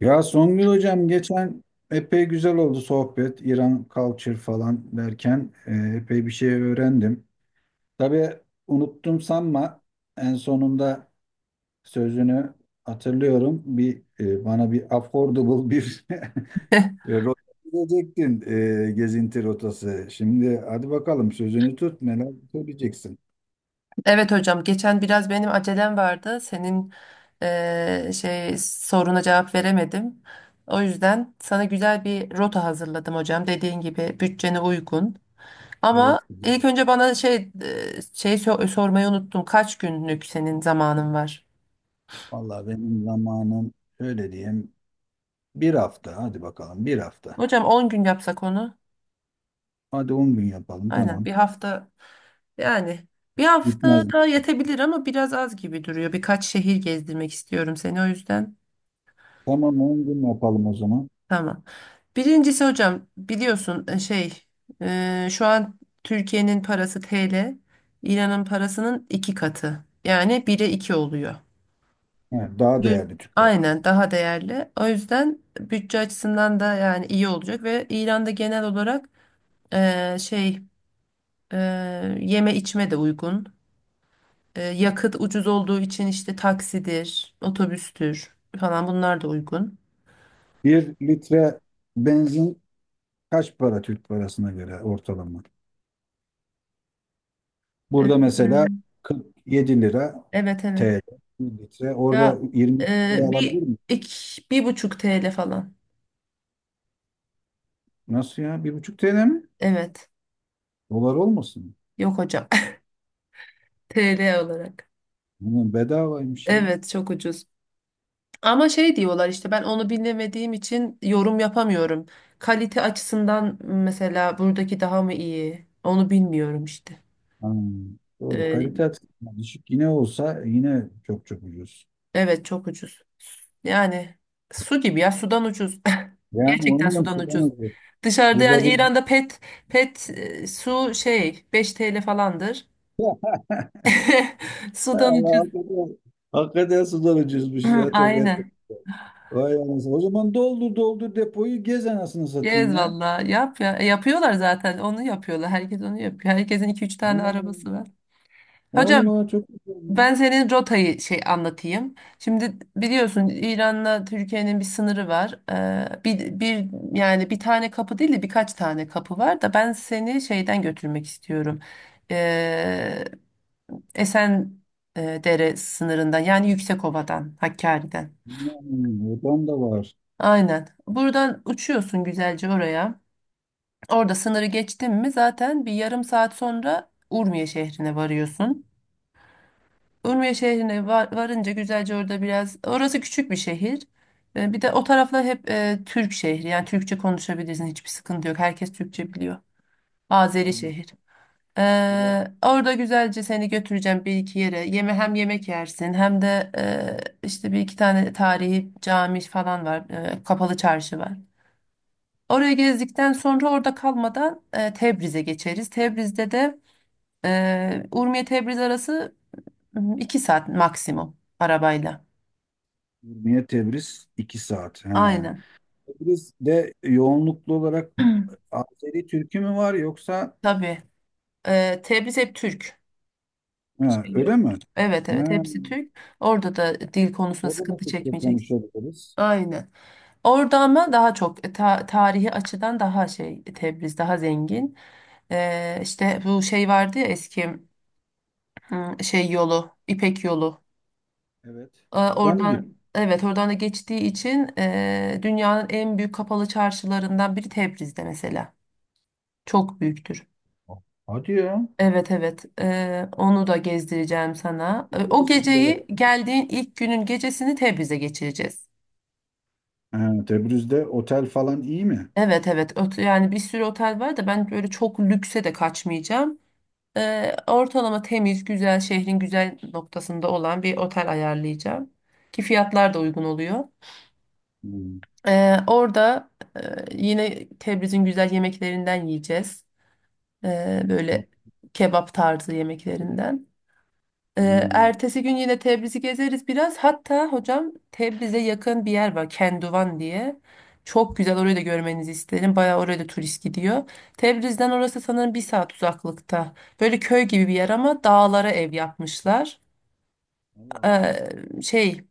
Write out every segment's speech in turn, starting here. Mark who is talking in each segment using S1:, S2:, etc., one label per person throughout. S1: Ya Songül hocam, geçen epey güzel oldu sohbet. İran culture falan derken epey bir şey öğrendim. Tabii unuttum sanma, en sonunda sözünü hatırlıyorum. Bana bir affordable bir rota diyecektin, gezinti rotası. Şimdi hadi bakalım, sözünü tut, neler söyleyeceksin.
S2: Evet hocam, geçen biraz benim acelem vardı. Senin şey soruna cevap veremedim. O yüzden sana güzel bir rota hazırladım hocam. Dediğin gibi bütçene uygun.
S1: Evet
S2: Ama ilk
S1: hocam.
S2: önce bana şey şey sormayı unuttum. Kaç günlük senin zamanın var?
S1: Vallahi benim zamanım, öyle diyeyim, bir hafta, hadi bakalım bir hafta.
S2: Hocam 10 gün yapsak onu.
S1: Hadi 10 gün yapalım,
S2: Aynen
S1: tamam.
S2: bir hafta yani bir hafta
S1: Gitmez.
S2: da yetebilir ama biraz az gibi duruyor. Birkaç şehir gezdirmek istiyorum seni o yüzden.
S1: Tamam, 10 gün yapalım o zaman.
S2: Tamam. Birincisi hocam biliyorsun şey şu an Türkiye'nin parası TL, İran'ın parasının iki katı. Yani bire iki oluyor.
S1: Evet, daha
S2: Evet.
S1: değerli Türk parası.
S2: Aynen daha değerli. O yüzden bütçe açısından da yani iyi olacak ve İran'da genel olarak şey e, yeme içme de uygun. Yakıt ucuz olduğu için işte taksidir, otobüstür falan bunlar da uygun.
S1: Bir litre benzin kaç para Türk parasına göre ortalama?
S2: E,
S1: Burada mesela 47 lira
S2: Evet evet.
S1: TL bir litre. Orada
S2: Ya
S1: 20 liraya alabilir
S2: bir
S1: miyim?
S2: iki, 1,5 TL falan.
S1: Nasıl ya? 1,5 TL mi?
S2: Evet.
S1: Dolar olmasın?
S2: Yok hocam. TL olarak.
S1: Bunun bedavaymış ya.
S2: Evet çok ucuz. Ama şey diyorlar işte ben onu bilmediğim için yorum yapamıyorum. Kalite açısından mesela buradaki daha mı iyi? Onu bilmiyorum işte.
S1: Ha, doğru. Kalite
S2: E,
S1: açısından düşük yine olsa yine çok çok ucuz.
S2: evet çok ucuz. Yani su gibi ya sudan ucuz.
S1: Yani
S2: Gerçekten
S1: onu da
S2: sudan ucuz.
S1: sıkamıyoruz.
S2: Dışarıda
S1: Burada
S2: yani
S1: bir
S2: İran'da pet su şey 5 TL falandır. Sudan
S1: Allah,
S2: ucuz.
S1: hakikaten, hakikaten sudan ucuzmuş ya, çok et.
S2: Aynen.
S1: Vay anasını. O zaman doldur doldur depoyu, gez anasını satayım
S2: Gez
S1: ya.
S2: valla. Yap ya. Yapıyorlar zaten. Onu yapıyorlar. Herkes onu yapıyor. Herkesin iki üç tane
S1: Vallahi,
S2: arabası var. Hocam
S1: vallahi çok güzel.
S2: ben senin rotayı şey anlatayım. Şimdi biliyorsun İran'la Türkiye'nin bir sınırı var. Bir, bir yani bir tane kapı değil de birkaç tane kapı var da ben seni şeyden götürmek istiyorum. Ee, Esen Dere sınırından yani Yüksekova'dan, Hakkari'den.
S1: Yani, oradan da var.
S2: Aynen. Buradan uçuyorsun güzelce oraya. Orada sınırı geçtin mi zaten bir yarım saat sonra Urmiye şehrine varıyorsun. Urmiye şehrine varınca güzelce orada biraz, orası küçük bir şehir. Bir de o taraflar hep Türk şehri, yani Türkçe konuşabilirsin, hiçbir sıkıntı yok. Herkes Türkçe biliyor. Azeri
S1: Yani
S2: şehir. E,
S1: Irak,
S2: orada güzelce seni götüreceğim bir iki yere. Hem yemek yersin hem de işte bir iki tane tarihi cami falan var. Kapalı çarşı var. Oraya gezdikten sonra orada kalmadan Tebriz'e geçeriz. Tebriz'de de Urmiye-Tebriz arası 2 saat maksimum arabayla.
S1: Ürmiye, Tebriz 2 saat. He.
S2: Aynen.
S1: Tebriz'de yoğunluklu olarak Azeri Türk'ü mü var, yoksa?
S2: Tabii. Tebriz hep Türk.
S1: Ha,
S2: Şey yok.
S1: öyle mi?
S2: Evet evet,
S1: Ha,
S2: hepsi Türk. Orada da dil konusunda
S1: orada da
S2: sıkıntı
S1: Türkçe
S2: çekmeyeceksin.
S1: konuşabiliriz.
S2: Aynen. Orada ama daha çok tarihi açıdan daha şey Tebriz daha zengin. E, işte bu şey vardı ya eski şey yolu İpek yolu.
S1: Evet.
S2: E,
S1: Oradan mı gidiyor?
S2: Oradan evet oradan da geçtiği için dünyanın en büyük kapalı çarşılarından biri Tebriz'de mesela. Çok büyüktür.
S1: Hadi ya.
S2: Evet evet. Onu da gezdireceğim sana. O geceyi, geldiğin ilk günün gecesini Tebriz'de geçireceğiz.
S1: Ha, Tebrüz'de otel falan iyi mi?
S2: Evet evet. Yani bir sürü otel var da ben böyle çok lükse de kaçmayacağım. Ortalama temiz, güzel, şehrin güzel noktasında olan bir otel ayarlayacağım. Ki fiyatlar da uygun oluyor.
S1: Hmm.
S2: Orada e, yine Tebriz'in güzel yemeklerinden yiyeceğiz. Ee,
S1: O-
S2: böyle kebap tarzı yemeklerinden. Ee,
S1: Hmm.
S2: ertesi gün yine Tebriz'i gezeriz biraz. Hatta hocam, Tebriz'e yakın bir yer var, Kenduvan diye. Çok güzel, orayı da görmenizi isterim. Bayağı oraya da turist gidiyor. Tebriz'den orası sanırım bir saat uzaklıkta. Böyle köy gibi bir yer ama dağlara ev yapmışlar.
S1: Allah Allah.
S2: Ee, şey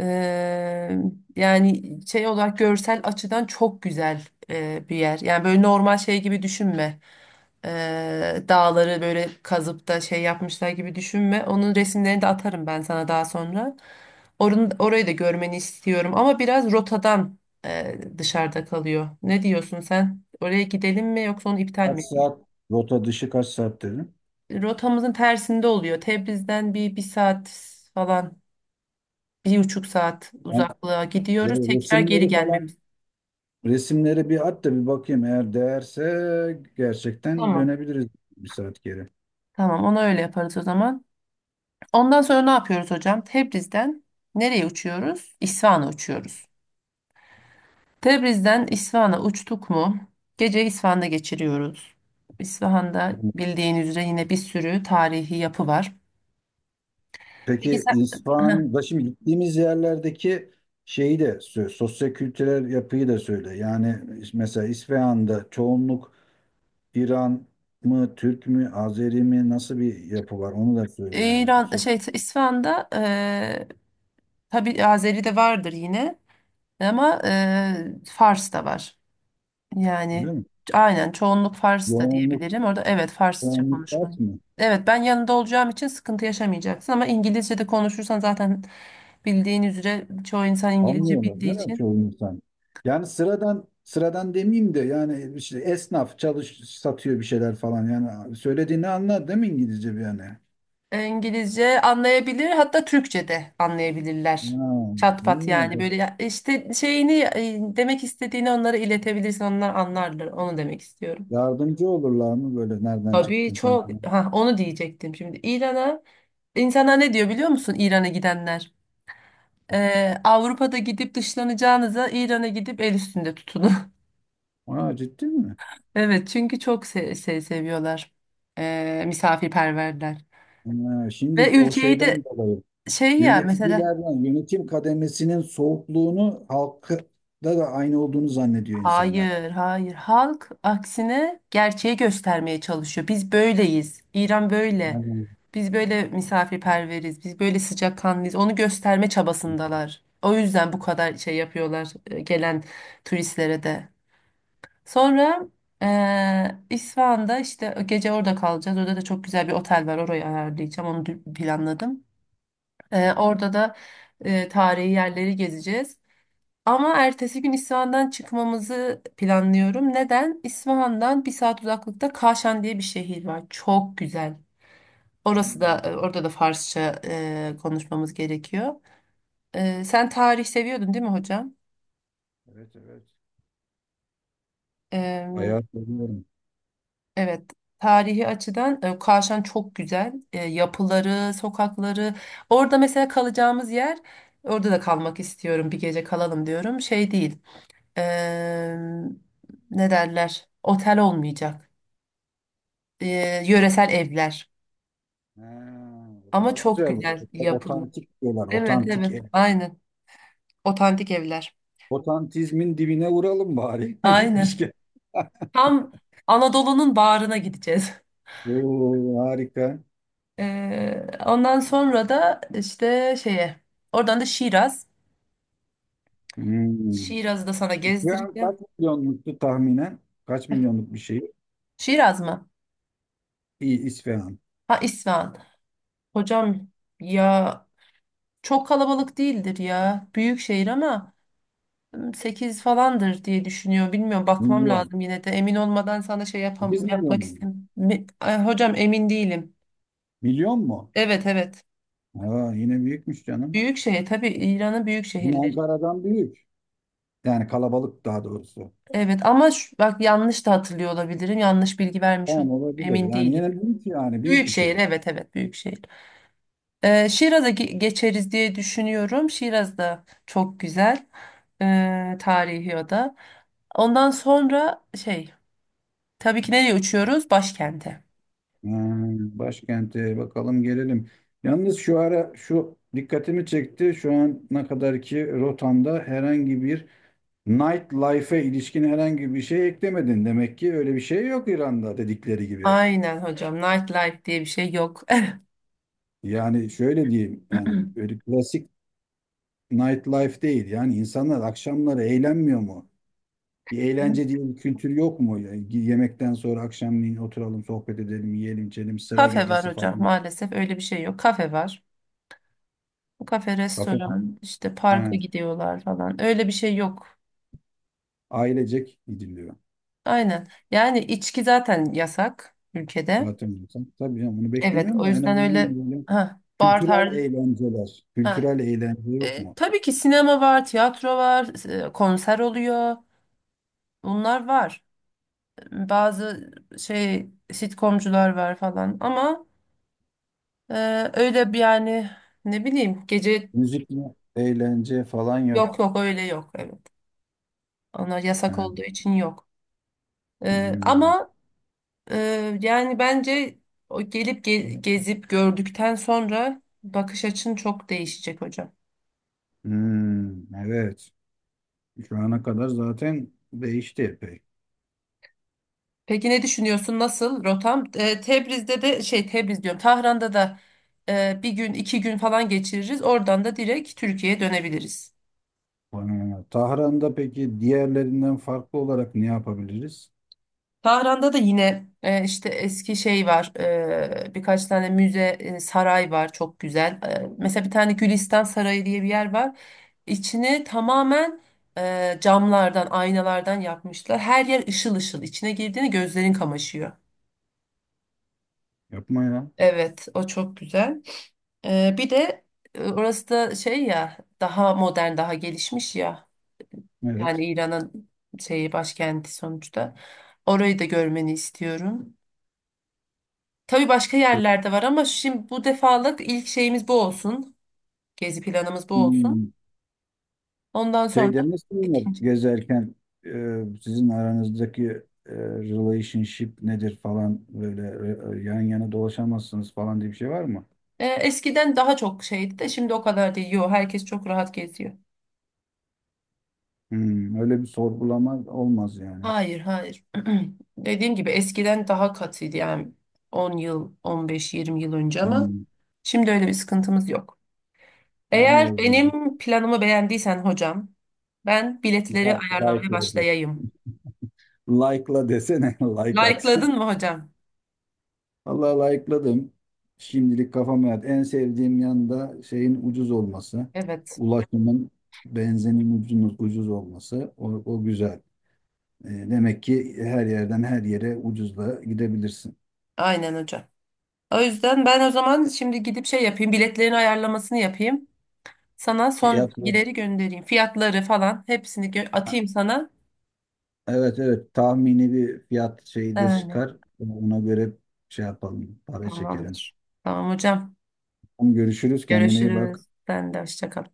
S2: Eee, yani şey olarak görsel açıdan çok güzel bir yer. Yani böyle normal şey gibi düşünme. Dağları böyle kazıp da şey yapmışlar gibi düşünme. Onun resimlerini de atarım ben sana daha sonra. Orayı da görmeni istiyorum ama biraz rotadan dışarıda kalıyor. Ne diyorsun sen? Oraya gidelim mi yoksa onu iptal mi
S1: Kaç
S2: edeyim?
S1: saat? Rota dışı kaç saat dedim.
S2: Rotamızın tersinde oluyor. Tebriz'den bir saat falan, 1,5 saat
S1: Ben
S2: uzaklığa gidiyoruz. Tekrar geri
S1: resimleri falan.
S2: gelmemiz.
S1: Resimleri bir at da bir bakayım. Eğer değerse gerçekten
S2: Tamam.
S1: dönebiliriz, bir saat geri.
S2: Tamam, ona öyle yaparız o zaman. Ondan sonra ne yapıyoruz hocam? Tebriz'den nereye uçuyoruz? İsfahan'a uçuyoruz. Tebriz'den İsfahan'a uçtuk mu? Gece İsfahan'da geçiriyoruz. İsfahan'da
S1: Hmm.
S2: bildiğin üzere yine bir sürü tarihi yapı var. Peki
S1: Peki
S2: sen... Heh.
S1: İsfahan'da şimdi gittiğimiz yerlerdeki şeyi de sosyo-kültürel yapıyı da söyle. Yani mesela İsfahan'da çoğunluk İran mı, Türk mü, Azeri mi, nasıl bir yapı var onu da söyle yani.
S2: İran şey İsfahan'da tabii Azeri de vardır yine ama Fars da var.
S1: Öyle
S2: Yani
S1: mi?
S2: aynen çoğunluk Fars da
S1: Yoğunluk,
S2: diyebilirim. Orada evet Farsça
S1: yoğunluk şart
S2: konuşmak.
S1: mı?
S2: Evet, ben yanında olacağım için sıkıntı yaşamayacaksın ama İngilizce de konuşursan zaten bildiğin üzere çoğu insan İngilizce
S1: Anlıyorlar.
S2: bildiği
S1: Ne
S2: için
S1: yapıyor insan? Yani sıradan sıradan demeyeyim de, yani işte esnaf çalış satıyor bir şeyler falan, yani söylediğini anlar değil mi İngilizce bir yani?
S2: İngilizce anlayabilir, hatta Türkçe de
S1: Ha,
S2: anlayabilirler. Çat
S1: iyi
S2: pat
S1: ya
S2: yani
S1: bu.
S2: böyle işte şeyini demek istediğini onlara iletebilirsin, onlar anlarlar onu demek istiyorum.
S1: Yardımcı olurlar mı, böyle nereden
S2: Tabii,
S1: çıktın sen
S2: çok
S1: falan?
S2: ha, onu diyecektim. Şimdi İran'a insanlar ne diyor biliyor musun, İran'a gidenler? Avrupa'da gidip dışlanacağınıza İran'a gidip el üstünde tutunun.
S1: Aa, ciddi mi?
S2: Evet, çünkü çok şey seviyorlar. Misafirperverler.
S1: Ha,
S2: Ve
S1: şimdi o
S2: ülkeyi
S1: şeyden
S2: de
S1: dolayı
S2: şey ya mesela,
S1: yöneticilerden yönetim kademesinin soğukluğunu halkta da aynı olduğunu zannediyor insanlar.
S2: hayır hayır, halk aksine gerçeği göstermeye çalışıyor. Biz böyleyiz. İran böyle.
S1: Anladım.
S2: Biz böyle misafirperveriz. Biz böyle sıcakkanlıyız. Onu gösterme çabasındalar. O yüzden bu kadar şey yapıyorlar gelen turistlere de. Sonra İsfahan'da işte gece orada kalacağız. Orada da çok güzel bir otel var. Orayı ayarlayacağım. Onu planladım. Eee,
S1: Evet.
S2: orada da tarihi yerleri gezeceğiz. Ama ertesi gün İsfahan'dan çıkmamızı planlıyorum. Neden? İsfahan'dan bir saat uzaklıkta Kaşan diye bir şehir var. Çok güzel. Orası da
S1: Hmm.
S2: orada da Farsça konuşmamız gerekiyor. Sen tarih seviyordun değil mi hocam?
S1: Evet, evet. Bayağı seviyorum.
S2: Evet, tarihi açıdan Kavşan çok güzel. Yapıları, sokakları. Orada mesela kalacağımız yer, orada da kalmak istiyorum. Bir gece kalalım diyorum. Şey değil. e, ne derler? Otel olmayacak. E, yöresel evler.
S1: Ha, bu
S2: Ama
S1: daha
S2: çok
S1: güzel. Bak.
S2: güzel yapılı.
S1: Otantik diyorlar.
S2: Evet,
S1: Otantik
S2: evet.
S1: ev.
S2: Aynen. Otantik evler.
S1: Otantizmin dibine vuralım bari.
S2: Aynen.
S1: Gitmişken.
S2: Tam Anadolu'nun bağrına gideceğiz.
S1: Oo, harika.
S2: Ondan sonra da işte şeye. Oradan da Şiraz.
S1: Hmm.
S2: Şiraz'ı da sana
S1: İsfahan
S2: gezdireceğim.
S1: kaç milyonluktu tahminen? Kaç milyonluk bir şey?
S2: Şiraz mı?
S1: İyi İsfahan.
S2: Ha, İsfahan. Hocam ya çok kalabalık değildir ya. Büyük şehir ama 8 falandır diye düşünüyor. Bilmiyorum, bakmam
S1: Milyon.
S2: lazım yine de. Emin olmadan sana şey
S1: 8 milyon
S2: yapmak
S1: mu?
S2: istemiyorum. Hocam emin değilim.
S1: Milyon mu?
S2: Evet evet.
S1: Aa, yine büyükmüş canım.
S2: Büyük şehir, tabii İran'ın büyük
S1: Bizim
S2: şehirleri.
S1: Ankara'dan büyük. Yani kalabalık daha doğrusu.
S2: Evet ama bak, yanlış da hatırlıyor olabilirim. Yanlış bilgi vermiş
S1: Tamam,
S2: olabilirim.
S1: olabilir.
S2: Emin
S1: Yani
S2: değilim.
S1: yine büyük, yani büyük
S2: Büyük
S1: bir
S2: şehir,
S1: şehir.
S2: evet evet, büyük şehir. Şiraz'a geçeriz diye düşünüyorum. Şiraz da çok güzel. Tarihi o da. Ondan sonra şey, tabii ki nereye uçuyoruz? Başkente.
S1: Hmm, başkente bakalım gelelim. Yalnız şu ara şu dikkatimi çekti. Şu ana kadarki rotamda herhangi bir nightlife'e ilişkin herhangi bir şey eklemedin. Demek ki öyle bir şey yok İran'da, dedikleri gibi.
S2: Aynen hocam. Nightlife diye bir şey yok.
S1: Yani şöyle diyeyim, yani öyle klasik nightlife değil. Yani insanlar akşamları eğlenmiyor mu? Bir eğlence diye bir kültür yok mu? Yani yemekten sonra akşamleyin oturalım, sohbet edelim, yiyelim, içelim, sıra
S2: Kafe var
S1: gecesi
S2: hocam,
S1: falan.
S2: maalesef öyle bir şey yok. Kafe var. Kafe,
S1: Kafe,
S2: restoran, işte
S1: ha,
S2: parka gidiyorlar falan. Öyle bir şey yok.
S1: ailecek gidiliyor.
S2: Aynen. Yani içki zaten yasak ülkede.
S1: Zaten diyorsan. Tabii canım, bunu
S2: Evet,
S1: beklemiyorum
S2: o
S1: da en
S2: yüzden öyle,
S1: azından böyle
S2: ha, bar
S1: kültürel
S2: tarzı.
S1: eğlenceler.
S2: Ha,
S1: Kültürel eğlence yok mu?
S2: Tabii ki sinema var, tiyatro var, konser oluyor. Bunlar var. Bazı şey sitcomcular var falan ama e, öyle bir yani, ne bileyim, gece
S1: Müzikle eğlence falan
S2: yok.
S1: yok.
S2: Yok, öyle yok, evet. Ona yasak
S1: Yani,
S2: olduğu için yok.
S1: hmm,
S2: Ama yani bence o gelip gezip gördükten sonra bakış açın çok değişecek hocam.
S1: hmm, evet. Şu ana kadar zaten değişti epey.
S2: Peki ne düşünüyorsun? Nasıl rotam? Tebriz'de de şey Tebriz diyorum. Tahran'da da bir gün iki gün falan geçiririz. Oradan da direkt Türkiye'ye dönebiliriz.
S1: Bana göre. Tahran'da peki diğerlerinden farklı olarak ne yapabiliriz?
S2: Tahran'da da yine işte eski şey var. Birkaç tane müze, saray var, çok güzel. Mesela bir tane Gülistan Sarayı diye bir yer var. İçini tamamen camlardan, aynalardan yapmışlar. Her yer ışıl ışıl. İçine girdiğinde gözlerin kamaşıyor.
S1: Yapma ya.
S2: Evet, o çok güzel. Bir de orası da şey ya, daha modern, daha gelişmiş ya,
S1: Evet.
S2: yani İran'ın şeyi başkenti sonuçta, orayı da görmeni istiyorum. Tabii başka yerlerde var ama şimdi bu defalık ilk şeyimiz bu olsun, gezi planımız bu olsun,
S1: Hmm.
S2: ondan sonra
S1: Şey demesinler
S2: ikinci.
S1: gezerken, sizin aranızdaki relationship nedir falan, böyle yan yana dolaşamazsınız falan diye bir şey var mı?
S2: Eskiden daha çok şeydi de şimdi o kadar değil yo, herkes çok rahat geziyor.
S1: Hmm, öyle bir sorgulama olmaz yani.
S2: Hayır hayır, dediğim gibi eskiden daha katıydı, yani 10 yıl, 15-20 yıl önce ama
S1: Hmm,
S2: şimdi öyle bir sıkıntımız yok.
S1: yani iyi
S2: Eğer
S1: o zaman.
S2: benim planımı beğendiysen hocam, ben biletleri ayarlamaya
S1: Like'la des.
S2: başlayayım.
S1: Like'la desene, like at.
S2: Like'ladın mı hocam?
S1: Vallahi like'ladım. Şimdilik kafama yat. En sevdiğim yanda şeyin ucuz olması.
S2: Evet,
S1: Ulaşımın, benzinin ucuz, ucuz olması. O güzel. Demek ki her yerden her yere ucuzla gidebilirsin.
S2: aynen hocam. O yüzden ben o zaman şimdi gidip şey yapayım, biletlerin ayarlamasını yapayım. Sana son
S1: Ya,
S2: bilgileri göndereyim. Fiyatları falan hepsini atayım sana.
S1: evet evet tahmini bir fiyat şeyi de
S2: Yani,
S1: çıkar. Ona göre şey yapalım, para çekelim.
S2: tamamdır. Tamam hocam.
S1: Tamam, görüşürüz. Kendine iyi bak.
S2: Görüşürüz. Sen de hoşça kal.